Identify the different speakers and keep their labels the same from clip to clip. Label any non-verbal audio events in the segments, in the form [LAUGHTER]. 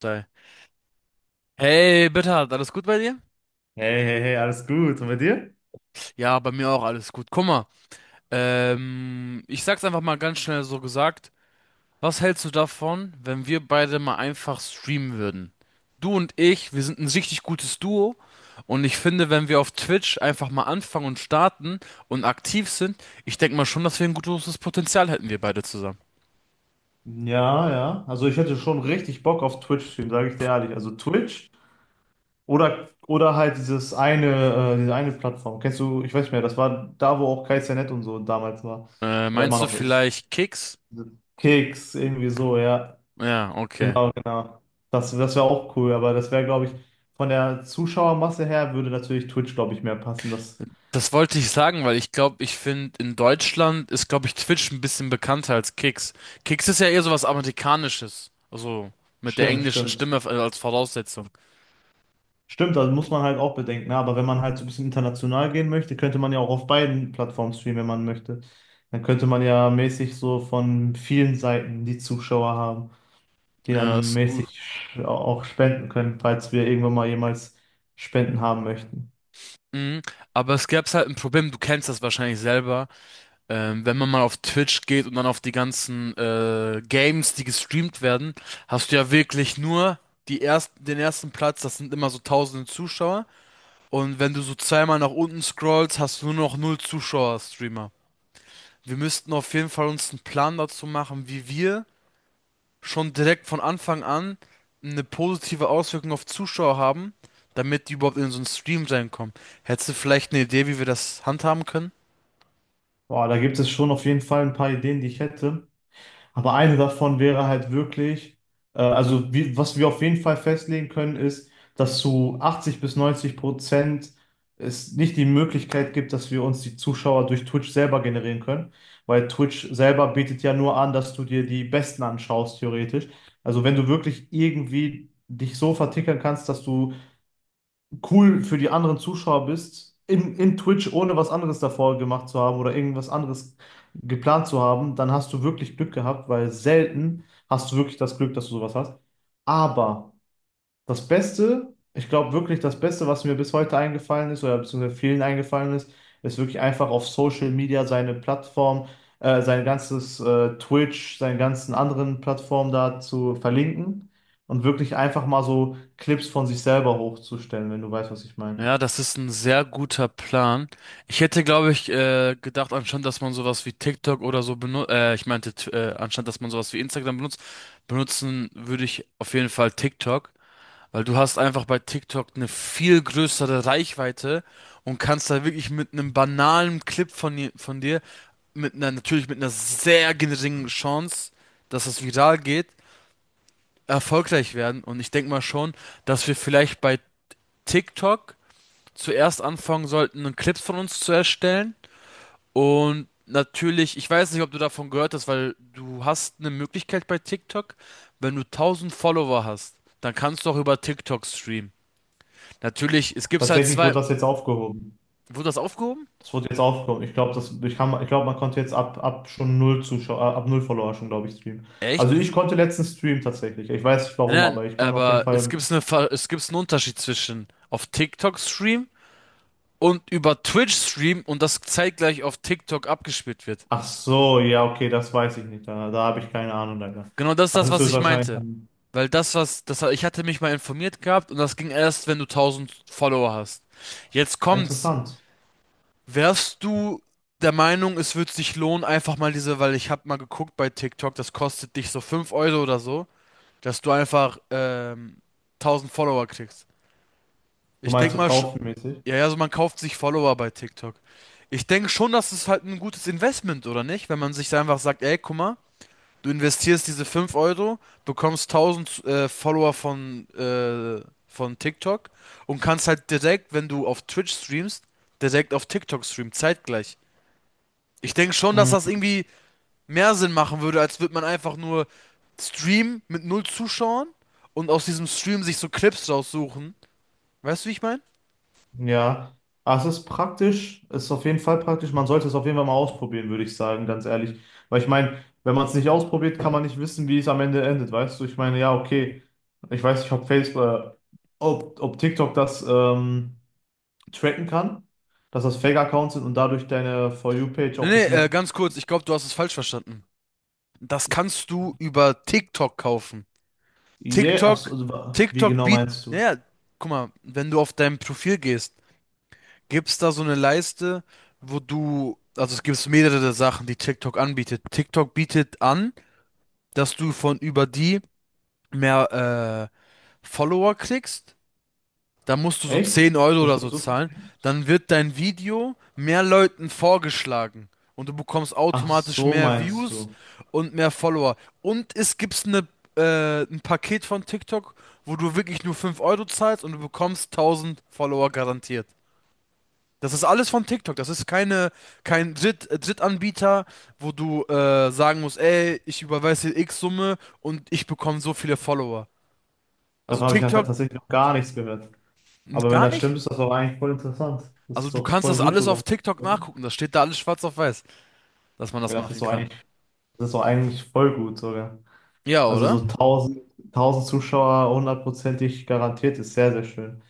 Speaker 1: Sei. Hey, Bernhard, alles gut bei dir?
Speaker 2: Hey, hey, hey, alles gut. Und bei dir?
Speaker 1: Ja, bei mir auch alles gut. Guck mal, ich sag's einfach mal ganz schnell so gesagt. Was hältst du davon, wenn wir beide mal einfach streamen würden? Du und ich, wir sind ein richtig gutes Duo, und ich finde, wenn wir auf Twitch einfach mal anfangen und starten und aktiv sind, ich denke mal schon, dass wir ein gutes Potenzial hätten, wir beide zusammen.
Speaker 2: Ja, ja. Also ich hätte schon richtig Bock auf Twitch-Stream, sage ich dir ehrlich. Also Twitch oder halt diese eine Plattform. Kennst du, ich weiß nicht mehr, das war da, wo auch KZNet und so damals war. Oder immer
Speaker 1: Meinst du
Speaker 2: noch ist.
Speaker 1: vielleicht Kicks?
Speaker 2: Keks, irgendwie so, ja.
Speaker 1: Ja, okay.
Speaker 2: Genau, genau. Das wäre auch cool, aber das wäre, glaube ich, von der Zuschauermasse her würde natürlich Twitch, glaube ich, mehr passen. Das
Speaker 1: Das wollte ich sagen, weil ich glaube, ich finde, in Deutschland ist, glaube ich, Twitch ein bisschen bekannter als Kicks. Kicks ist ja eher so was Amerikanisches. Also mit der
Speaker 2: stimmt,
Speaker 1: englischen
Speaker 2: stimmt.
Speaker 1: Stimme als Voraussetzung.
Speaker 2: Stimmt, also muss man halt auch bedenken, ne? Aber wenn man halt so ein bisschen international gehen möchte, könnte man ja auch auf beiden Plattformen streamen, wenn man möchte. Dann könnte man ja mäßig so von vielen Seiten die Zuschauer haben, die
Speaker 1: Ja,
Speaker 2: dann
Speaker 1: ist ein gut.
Speaker 2: mäßig auch spenden können, falls wir irgendwann mal jemals Spenden haben möchten.
Speaker 1: Mhm. Aber es gäbe halt ein Problem, du kennst das wahrscheinlich selber. Wenn man mal auf Twitch geht und dann auf die ganzen Games, die gestreamt werden, hast du ja wirklich nur den ersten Platz, das sind immer so tausende Zuschauer. Und wenn du so zweimal nach unten scrollst, hast du nur noch null Zuschauer-Streamer. Wir müssten auf jeden Fall uns einen Plan dazu machen, wie wir schon direkt von Anfang an eine positive Auswirkung auf Zuschauer haben, damit die überhaupt in so einen Stream reinkommen. Hättest du vielleicht eine Idee, wie wir das handhaben können?
Speaker 2: Boah, da gibt es schon auf jeden Fall ein paar Ideen, die ich hätte. Aber eine davon wäre halt wirklich, was wir auf jeden Fall festlegen können, ist, dass zu 80 bis 90% es nicht die Möglichkeit gibt, dass wir uns die Zuschauer durch Twitch selber generieren können, weil Twitch selber bietet ja nur an, dass du dir die Besten anschaust, theoretisch. Also wenn du wirklich irgendwie dich so vertickern kannst, dass du cool für die anderen Zuschauer bist, in Twitch, ohne was anderes davor gemacht zu haben oder irgendwas anderes geplant zu haben, dann hast du wirklich Glück gehabt, weil selten hast du wirklich das Glück, dass du sowas hast. Aber das Beste, ich glaube wirklich, das Beste, was mir bis heute eingefallen ist oder beziehungsweise vielen eingefallen ist, ist wirklich einfach auf Social Media seine Plattform, sein ganzes Twitch, seine ganzen anderen Plattformen da zu verlinken und wirklich einfach mal so Clips von sich selber hochzustellen, wenn du weißt, was ich meine.
Speaker 1: Ja, das ist ein sehr guter Plan. Ich hätte, glaube ich, gedacht, anstatt dass man sowas wie TikTok oder so benutzt, ich meinte, anstatt dass man sowas wie Instagram benutzt, benutzen würde ich auf jeden Fall TikTok. Weil du hast einfach bei TikTok eine viel größere Reichweite und kannst da wirklich mit einem banalen Clip von, von dir, natürlich mit einer sehr geringen Chance, dass es viral geht, erfolgreich werden. Und ich denke mal schon, dass wir vielleicht bei TikTok zuerst anfangen sollten, Clips von uns zu erstellen. Und natürlich, ich weiß nicht, ob du davon gehört hast, weil du hast eine Möglichkeit bei TikTok: wenn du 1000 Follower hast, dann kannst du auch über TikTok streamen. Natürlich, es gibt's halt
Speaker 2: Tatsächlich wurde
Speaker 1: zwei.
Speaker 2: das jetzt aufgehoben.
Speaker 1: Wurde das aufgehoben?
Speaker 2: Das wurde jetzt aufgehoben. Ich glaube, ich glaube, man konnte jetzt ab schon null Zuschauer, ab null Follower schon, glaube ich, streamen.
Speaker 1: Echt?
Speaker 2: Also ich konnte letztens streamen tatsächlich. Ich weiß nicht warum,
Speaker 1: Nein, nein,
Speaker 2: aber ich kann auf jeden
Speaker 1: aber
Speaker 2: Fall.
Speaker 1: es gibt's einen Unterschied zwischen auf TikTok Stream und über Twitch Stream, und das zeitgleich auf TikTok abgespielt wird.
Speaker 2: Ach so, ja, okay, das weiß ich nicht. Da habe ich keine Ahnung davon.
Speaker 1: Genau das ist
Speaker 2: Das
Speaker 1: das,
Speaker 2: ist
Speaker 1: was ich
Speaker 2: höchstwahrscheinlich
Speaker 1: meinte.
Speaker 2: dann
Speaker 1: Weil ich hatte mich mal informiert gehabt, und das ging erst, wenn du 1000 Follower hast. Jetzt
Speaker 2: ah,
Speaker 1: kommt's.
Speaker 2: interessant.
Speaker 1: Wärst du der Meinung, es wird sich lohnen? Einfach mal diese, weil ich hab mal geguckt bei TikTok, das kostet dich so 5 Euro oder so, dass du einfach 1000 Follower kriegst.
Speaker 2: Du
Speaker 1: Ich
Speaker 2: meinst
Speaker 1: denke
Speaker 2: so
Speaker 1: mal,
Speaker 2: kaufenmäßig?
Speaker 1: ja, ja, also man kauft sich Follower bei TikTok. Ich denke schon, das ist halt ein gutes Investment, oder nicht? Wenn man sich da einfach sagt: ey, guck mal, du investierst diese 5 Euro, bekommst 1000 Follower von TikTok, und kannst halt direkt, wenn du auf Twitch streamst, direkt auf TikTok streamen, zeitgleich. Ich denke schon, dass
Speaker 2: Mm,
Speaker 1: das irgendwie mehr Sinn machen würde, als würde man einfach nur streamen mit null Zuschauern und aus diesem Stream sich so Clips raussuchen. Weißt du, wie ich meine?
Speaker 2: ja. Ah, es ist praktisch, es ist auf jeden Fall praktisch. Man sollte es auf jeden Fall mal ausprobieren, würde ich sagen, ganz ehrlich. Weil ich meine, wenn man es nicht ausprobiert, kann man nicht wissen, wie es am Ende endet, weißt du? Ich meine, ja, okay. Ich weiß nicht, ob Facebook, ob TikTok das tracken kann, dass das Fake-Accounts sind und dadurch deine For You-Page auch
Speaker 1: Nee,
Speaker 2: ein
Speaker 1: nee,
Speaker 2: bisschen.
Speaker 1: ganz kurz, ich glaube, du hast es falsch verstanden. Das kannst du über TikTok kaufen.
Speaker 2: Yeah, ach so,
Speaker 1: TikTok,
Speaker 2: also, wie
Speaker 1: TikTok
Speaker 2: genau
Speaker 1: bietet,
Speaker 2: meinst du?
Speaker 1: naja, guck mal, wenn du auf dein Profil gehst, gibt's da so eine Leiste, also es gibt mehrere Sachen, die TikTok anbietet. TikTok bietet an, dass du von über die mehr Follower kriegst. Da musst du so
Speaker 2: Echt?
Speaker 1: 10 Euro
Speaker 2: Das
Speaker 1: oder
Speaker 2: wird
Speaker 1: so
Speaker 2: so viel
Speaker 1: zahlen.
Speaker 2: sein?
Speaker 1: Dann wird dein Video mehr Leuten vorgeschlagen, und du bekommst
Speaker 2: Ach,
Speaker 1: automatisch
Speaker 2: so
Speaker 1: mehr
Speaker 2: meinst
Speaker 1: Views
Speaker 2: du.
Speaker 1: und mehr Follower. Und es gibt ein Paket von TikTok, wo du wirklich nur 5 Euro zahlst und du bekommst 1000 Follower garantiert. Das ist alles von TikTok. Das ist keine, kein Dritt, Drittanbieter, wo du sagen musst: ey, ich überweise dir X Summe und ich bekomme so viele Follower. Also
Speaker 2: Davon habe ich ja
Speaker 1: TikTok
Speaker 2: tatsächlich noch gar nichts gehört. Aber wenn
Speaker 1: gar
Speaker 2: das stimmt,
Speaker 1: nicht?
Speaker 2: ist das doch eigentlich voll interessant. Das
Speaker 1: Also
Speaker 2: ist
Speaker 1: du
Speaker 2: doch
Speaker 1: kannst
Speaker 2: voll
Speaker 1: das
Speaker 2: gut
Speaker 1: alles auf
Speaker 2: sogar.
Speaker 1: TikTok
Speaker 2: Ja,
Speaker 1: nachgucken. Das steht da alles schwarz auf weiß, dass man das
Speaker 2: das
Speaker 1: machen
Speaker 2: ist doch
Speaker 1: kann.
Speaker 2: eigentlich, das ist doch eigentlich voll gut sogar.
Speaker 1: Ja,
Speaker 2: Also
Speaker 1: oder?
Speaker 2: so 1000, 1000 Zuschauer hundertprozentig garantiert ist sehr, sehr schön.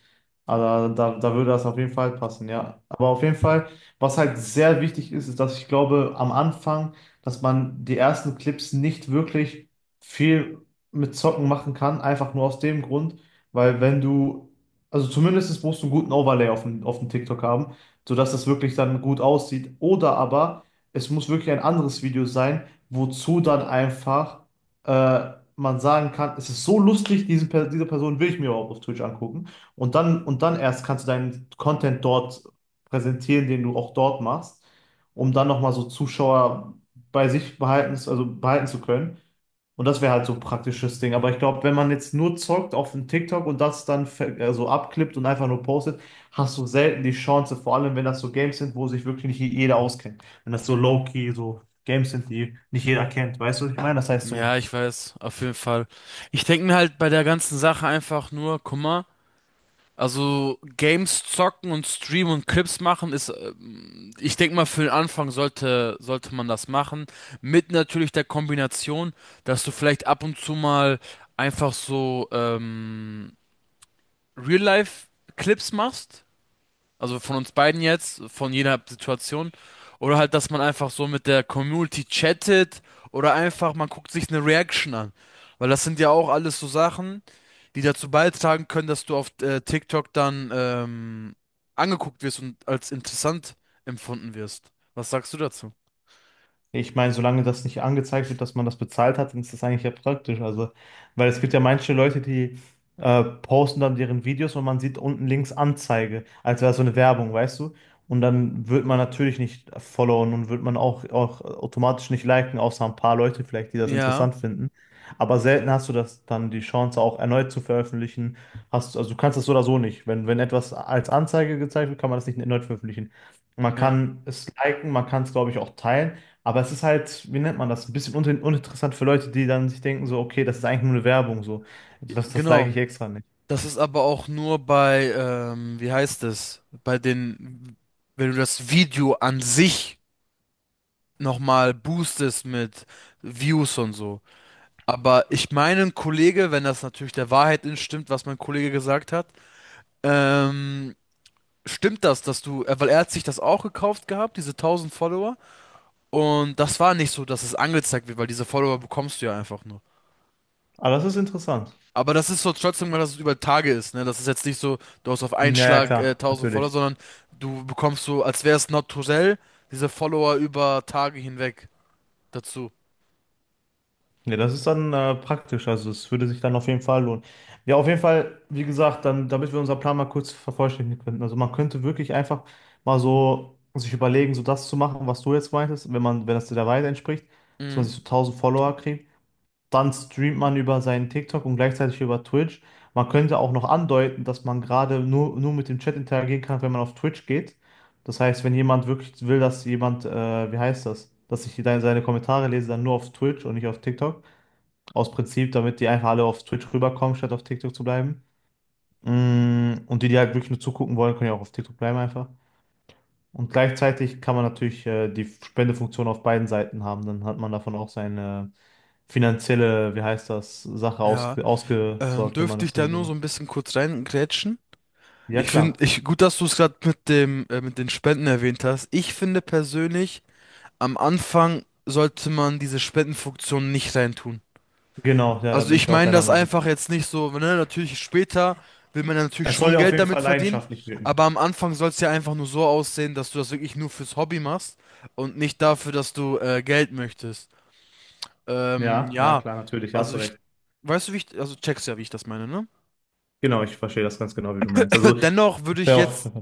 Speaker 2: Also da würde das auf jeden Fall passen, ja. Aber auf jeden Fall, was halt sehr wichtig ist, ist, dass ich glaube, am Anfang, dass man die ersten Clips nicht wirklich viel mit Zocken machen kann, einfach nur aus dem Grund, weil wenn du, also zumindest musst du einen guten Overlay auf dem TikTok haben, sodass das wirklich dann gut aussieht. Oder aber es muss wirklich ein anderes Video sein, wozu dann einfach man sagen kann, es ist so lustig, diese Person will ich mir überhaupt auf Twitch angucken. Und dann erst kannst du deinen Content dort präsentieren, den du auch dort machst, um dann nochmal so Zuschauer bei sich behalten, also behalten zu können. Und das wäre halt so ein praktisches Ding. Aber ich glaube, wenn man jetzt nur zockt auf dem TikTok und das dann so abklippt und einfach nur postet, hast du selten die Chance, vor allem wenn das so Games sind, wo sich wirklich nicht jeder auskennt. Wenn das so low-key, so Games sind, die nicht jeder kennt. Weißt du, was ich meine? Das heißt so.
Speaker 1: Ja, ich weiß, auf jeden Fall. Ich denke mir halt bei der ganzen Sache einfach nur: guck mal, also Games zocken und streamen und Clips machen ist, ich denke mal, für den Anfang sollte man das machen. Mit natürlich der Kombination, dass du vielleicht ab und zu mal einfach so Real-Life-Clips machst. Also von uns beiden jetzt, von jeder Situation. Oder halt, dass man einfach so mit der Community chattet oder einfach man guckt sich eine Reaction an. Weil das sind ja auch alles so Sachen, die dazu beitragen können, dass du auf TikTok dann angeguckt wirst und als interessant empfunden wirst. Was sagst du dazu?
Speaker 2: Ich meine, solange das nicht angezeigt wird, dass man das bezahlt hat, dann ist das eigentlich ja praktisch. Also, weil es gibt ja manche Leute, die posten dann deren Videos und man sieht unten links Anzeige, als wäre so eine Werbung, weißt du? Und dann wird man natürlich nicht followen und wird man auch automatisch nicht liken, außer ein paar Leute vielleicht, die das
Speaker 1: Ja,
Speaker 2: interessant finden. Aber selten hast du das dann die Chance, auch erneut zu veröffentlichen. Also du kannst das so oder so nicht. Wenn etwas als Anzeige gezeigt wird, kann man das nicht erneut veröffentlichen. Man
Speaker 1: ja,
Speaker 2: kann es liken, man kann es, glaube ich, auch teilen. Aber es ist halt, wie nennt man das, ein bisschen un uninteressant für Leute, die dann sich denken, so, okay, das ist eigentlich nur eine Werbung, so.
Speaker 1: Ja,
Speaker 2: Das like
Speaker 1: genau.
Speaker 2: ich extra nicht.
Speaker 1: Das ist aber auch nur bei, wie heißt es, bei den, wenn du das Video an sich nochmal boostest mit Views und so. Aber ich meine, ein Kollege, wenn das natürlich der Wahrheit entstimmt, was mein Kollege gesagt hat, ähm, stimmt das, weil er hat sich das auch gekauft gehabt, diese 1000 Follower. Und das war nicht so, dass es angezeigt wird, weil diese Follower bekommst du ja einfach nur.
Speaker 2: Aber das ist interessant.
Speaker 1: Aber das ist so trotzdem mal, dass es über Tage ist, ne? Das ist jetzt nicht so, du hast auf einen
Speaker 2: Hm, ja, ja,
Speaker 1: Schlag
Speaker 2: klar,
Speaker 1: 1000 Follower,
Speaker 2: natürlich.
Speaker 1: sondern du bekommst so, als wäre es naturell, diese Follower über Tage hinweg dazu.
Speaker 2: Ja, das ist dann praktisch, also es würde sich dann auf jeden Fall lohnen. Ja, auf jeden Fall, wie gesagt, dann, damit wir unseren Plan mal kurz vervollständigen könnten. Also man könnte wirklich einfach mal so sich überlegen, so das zu machen, was du jetzt meintest, wenn das der Wahrheit entspricht, dass man
Speaker 1: Mhm.
Speaker 2: sich so 1000 Follower kriegt. Dann streamt man über seinen TikTok und gleichzeitig über Twitch. Man könnte auch noch andeuten, dass man gerade nur mit dem Chat interagieren kann, wenn man auf Twitch geht. Das heißt, wenn jemand wirklich will, dass jemand, wie heißt das, dass ich seine Kommentare lese, dann nur auf Twitch und nicht auf TikTok. Aus Prinzip, damit die einfach alle auf Twitch rüberkommen, statt auf TikTok zu bleiben. Und die, die halt wirklich nur zugucken wollen, können ja auch auf TikTok bleiben einfach. Und gleichzeitig kann man natürlich die Spendefunktion auf beiden Seiten haben. Dann hat man davon auch seine finanzielle, wie heißt das, Sache
Speaker 1: Ja.
Speaker 2: ausge ausgesorgt, wenn man
Speaker 1: Dürfte
Speaker 2: das
Speaker 1: ich
Speaker 2: so
Speaker 1: da
Speaker 2: mit dem
Speaker 1: nur so
Speaker 2: macht.
Speaker 1: ein bisschen kurz reingrätschen?
Speaker 2: Ja,
Speaker 1: Ich finde,
Speaker 2: klar.
Speaker 1: gut, dass du es gerade mit mit den Spenden erwähnt hast. Ich finde persönlich, am Anfang sollte man diese Spendenfunktion nicht reintun.
Speaker 2: Genau, ja, da
Speaker 1: Also
Speaker 2: bin
Speaker 1: ich
Speaker 2: ich auch
Speaker 1: meine
Speaker 2: deiner
Speaker 1: das
Speaker 2: Meinung.
Speaker 1: einfach jetzt nicht so, ne, natürlich später will man ja natürlich
Speaker 2: Es soll
Speaker 1: schon
Speaker 2: ja auf
Speaker 1: Geld
Speaker 2: jeden
Speaker 1: damit
Speaker 2: Fall
Speaker 1: verdienen,
Speaker 2: leidenschaftlich wirken.
Speaker 1: aber am Anfang soll es ja einfach nur so aussehen, dass du das wirklich nur fürs Hobby machst und nicht dafür, dass du Geld möchtest.
Speaker 2: Ja, ja,
Speaker 1: Ja,
Speaker 2: klar, natürlich, hast
Speaker 1: also
Speaker 2: du
Speaker 1: ich,
Speaker 2: recht.
Speaker 1: weißt du, wie ich, also checkst ja, wie ich das meine, ne? [LAUGHS]
Speaker 2: Genau, ich verstehe das ganz genau, wie du meinst. Also,
Speaker 1: [CLEARS THROAT] Dennoch würde ich
Speaker 2: sehr auf.
Speaker 1: jetzt.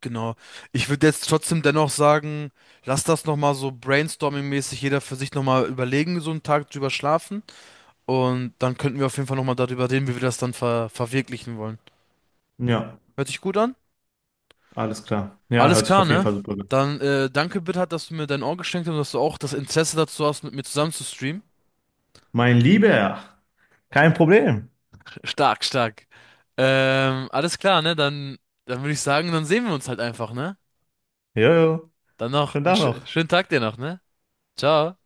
Speaker 1: Genau. Ich würde jetzt trotzdem dennoch sagen, lass das nochmal so brainstorming-mäßig jeder für sich nochmal überlegen, so einen Tag drüber schlafen. Und dann könnten wir auf jeden Fall nochmal darüber reden, wie wir das dann verwirklichen wollen.
Speaker 2: Ja,
Speaker 1: Hört sich gut an?
Speaker 2: alles klar. Ja,
Speaker 1: Alles
Speaker 2: hört sich
Speaker 1: klar,
Speaker 2: auf jeden
Speaker 1: ne?
Speaker 2: Fall super an.
Speaker 1: Dann danke, Bitter, dass du mir dein Ohr geschenkt hast und dass du auch das Interesse dazu hast, mit mir zusammen zu streamen.
Speaker 2: Mein Lieber, kein Problem.
Speaker 1: Stark, stark. Alles klar, ne? Dann würde ich sagen, dann sehen wir uns halt einfach, ne?
Speaker 2: Jojo,
Speaker 1: Dann noch
Speaker 2: schönen
Speaker 1: einen
Speaker 2: Tag
Speaker 1: sch
Speaker 2: noch.
Speaker 1: schönen Tag dir noch, ne? Ciao.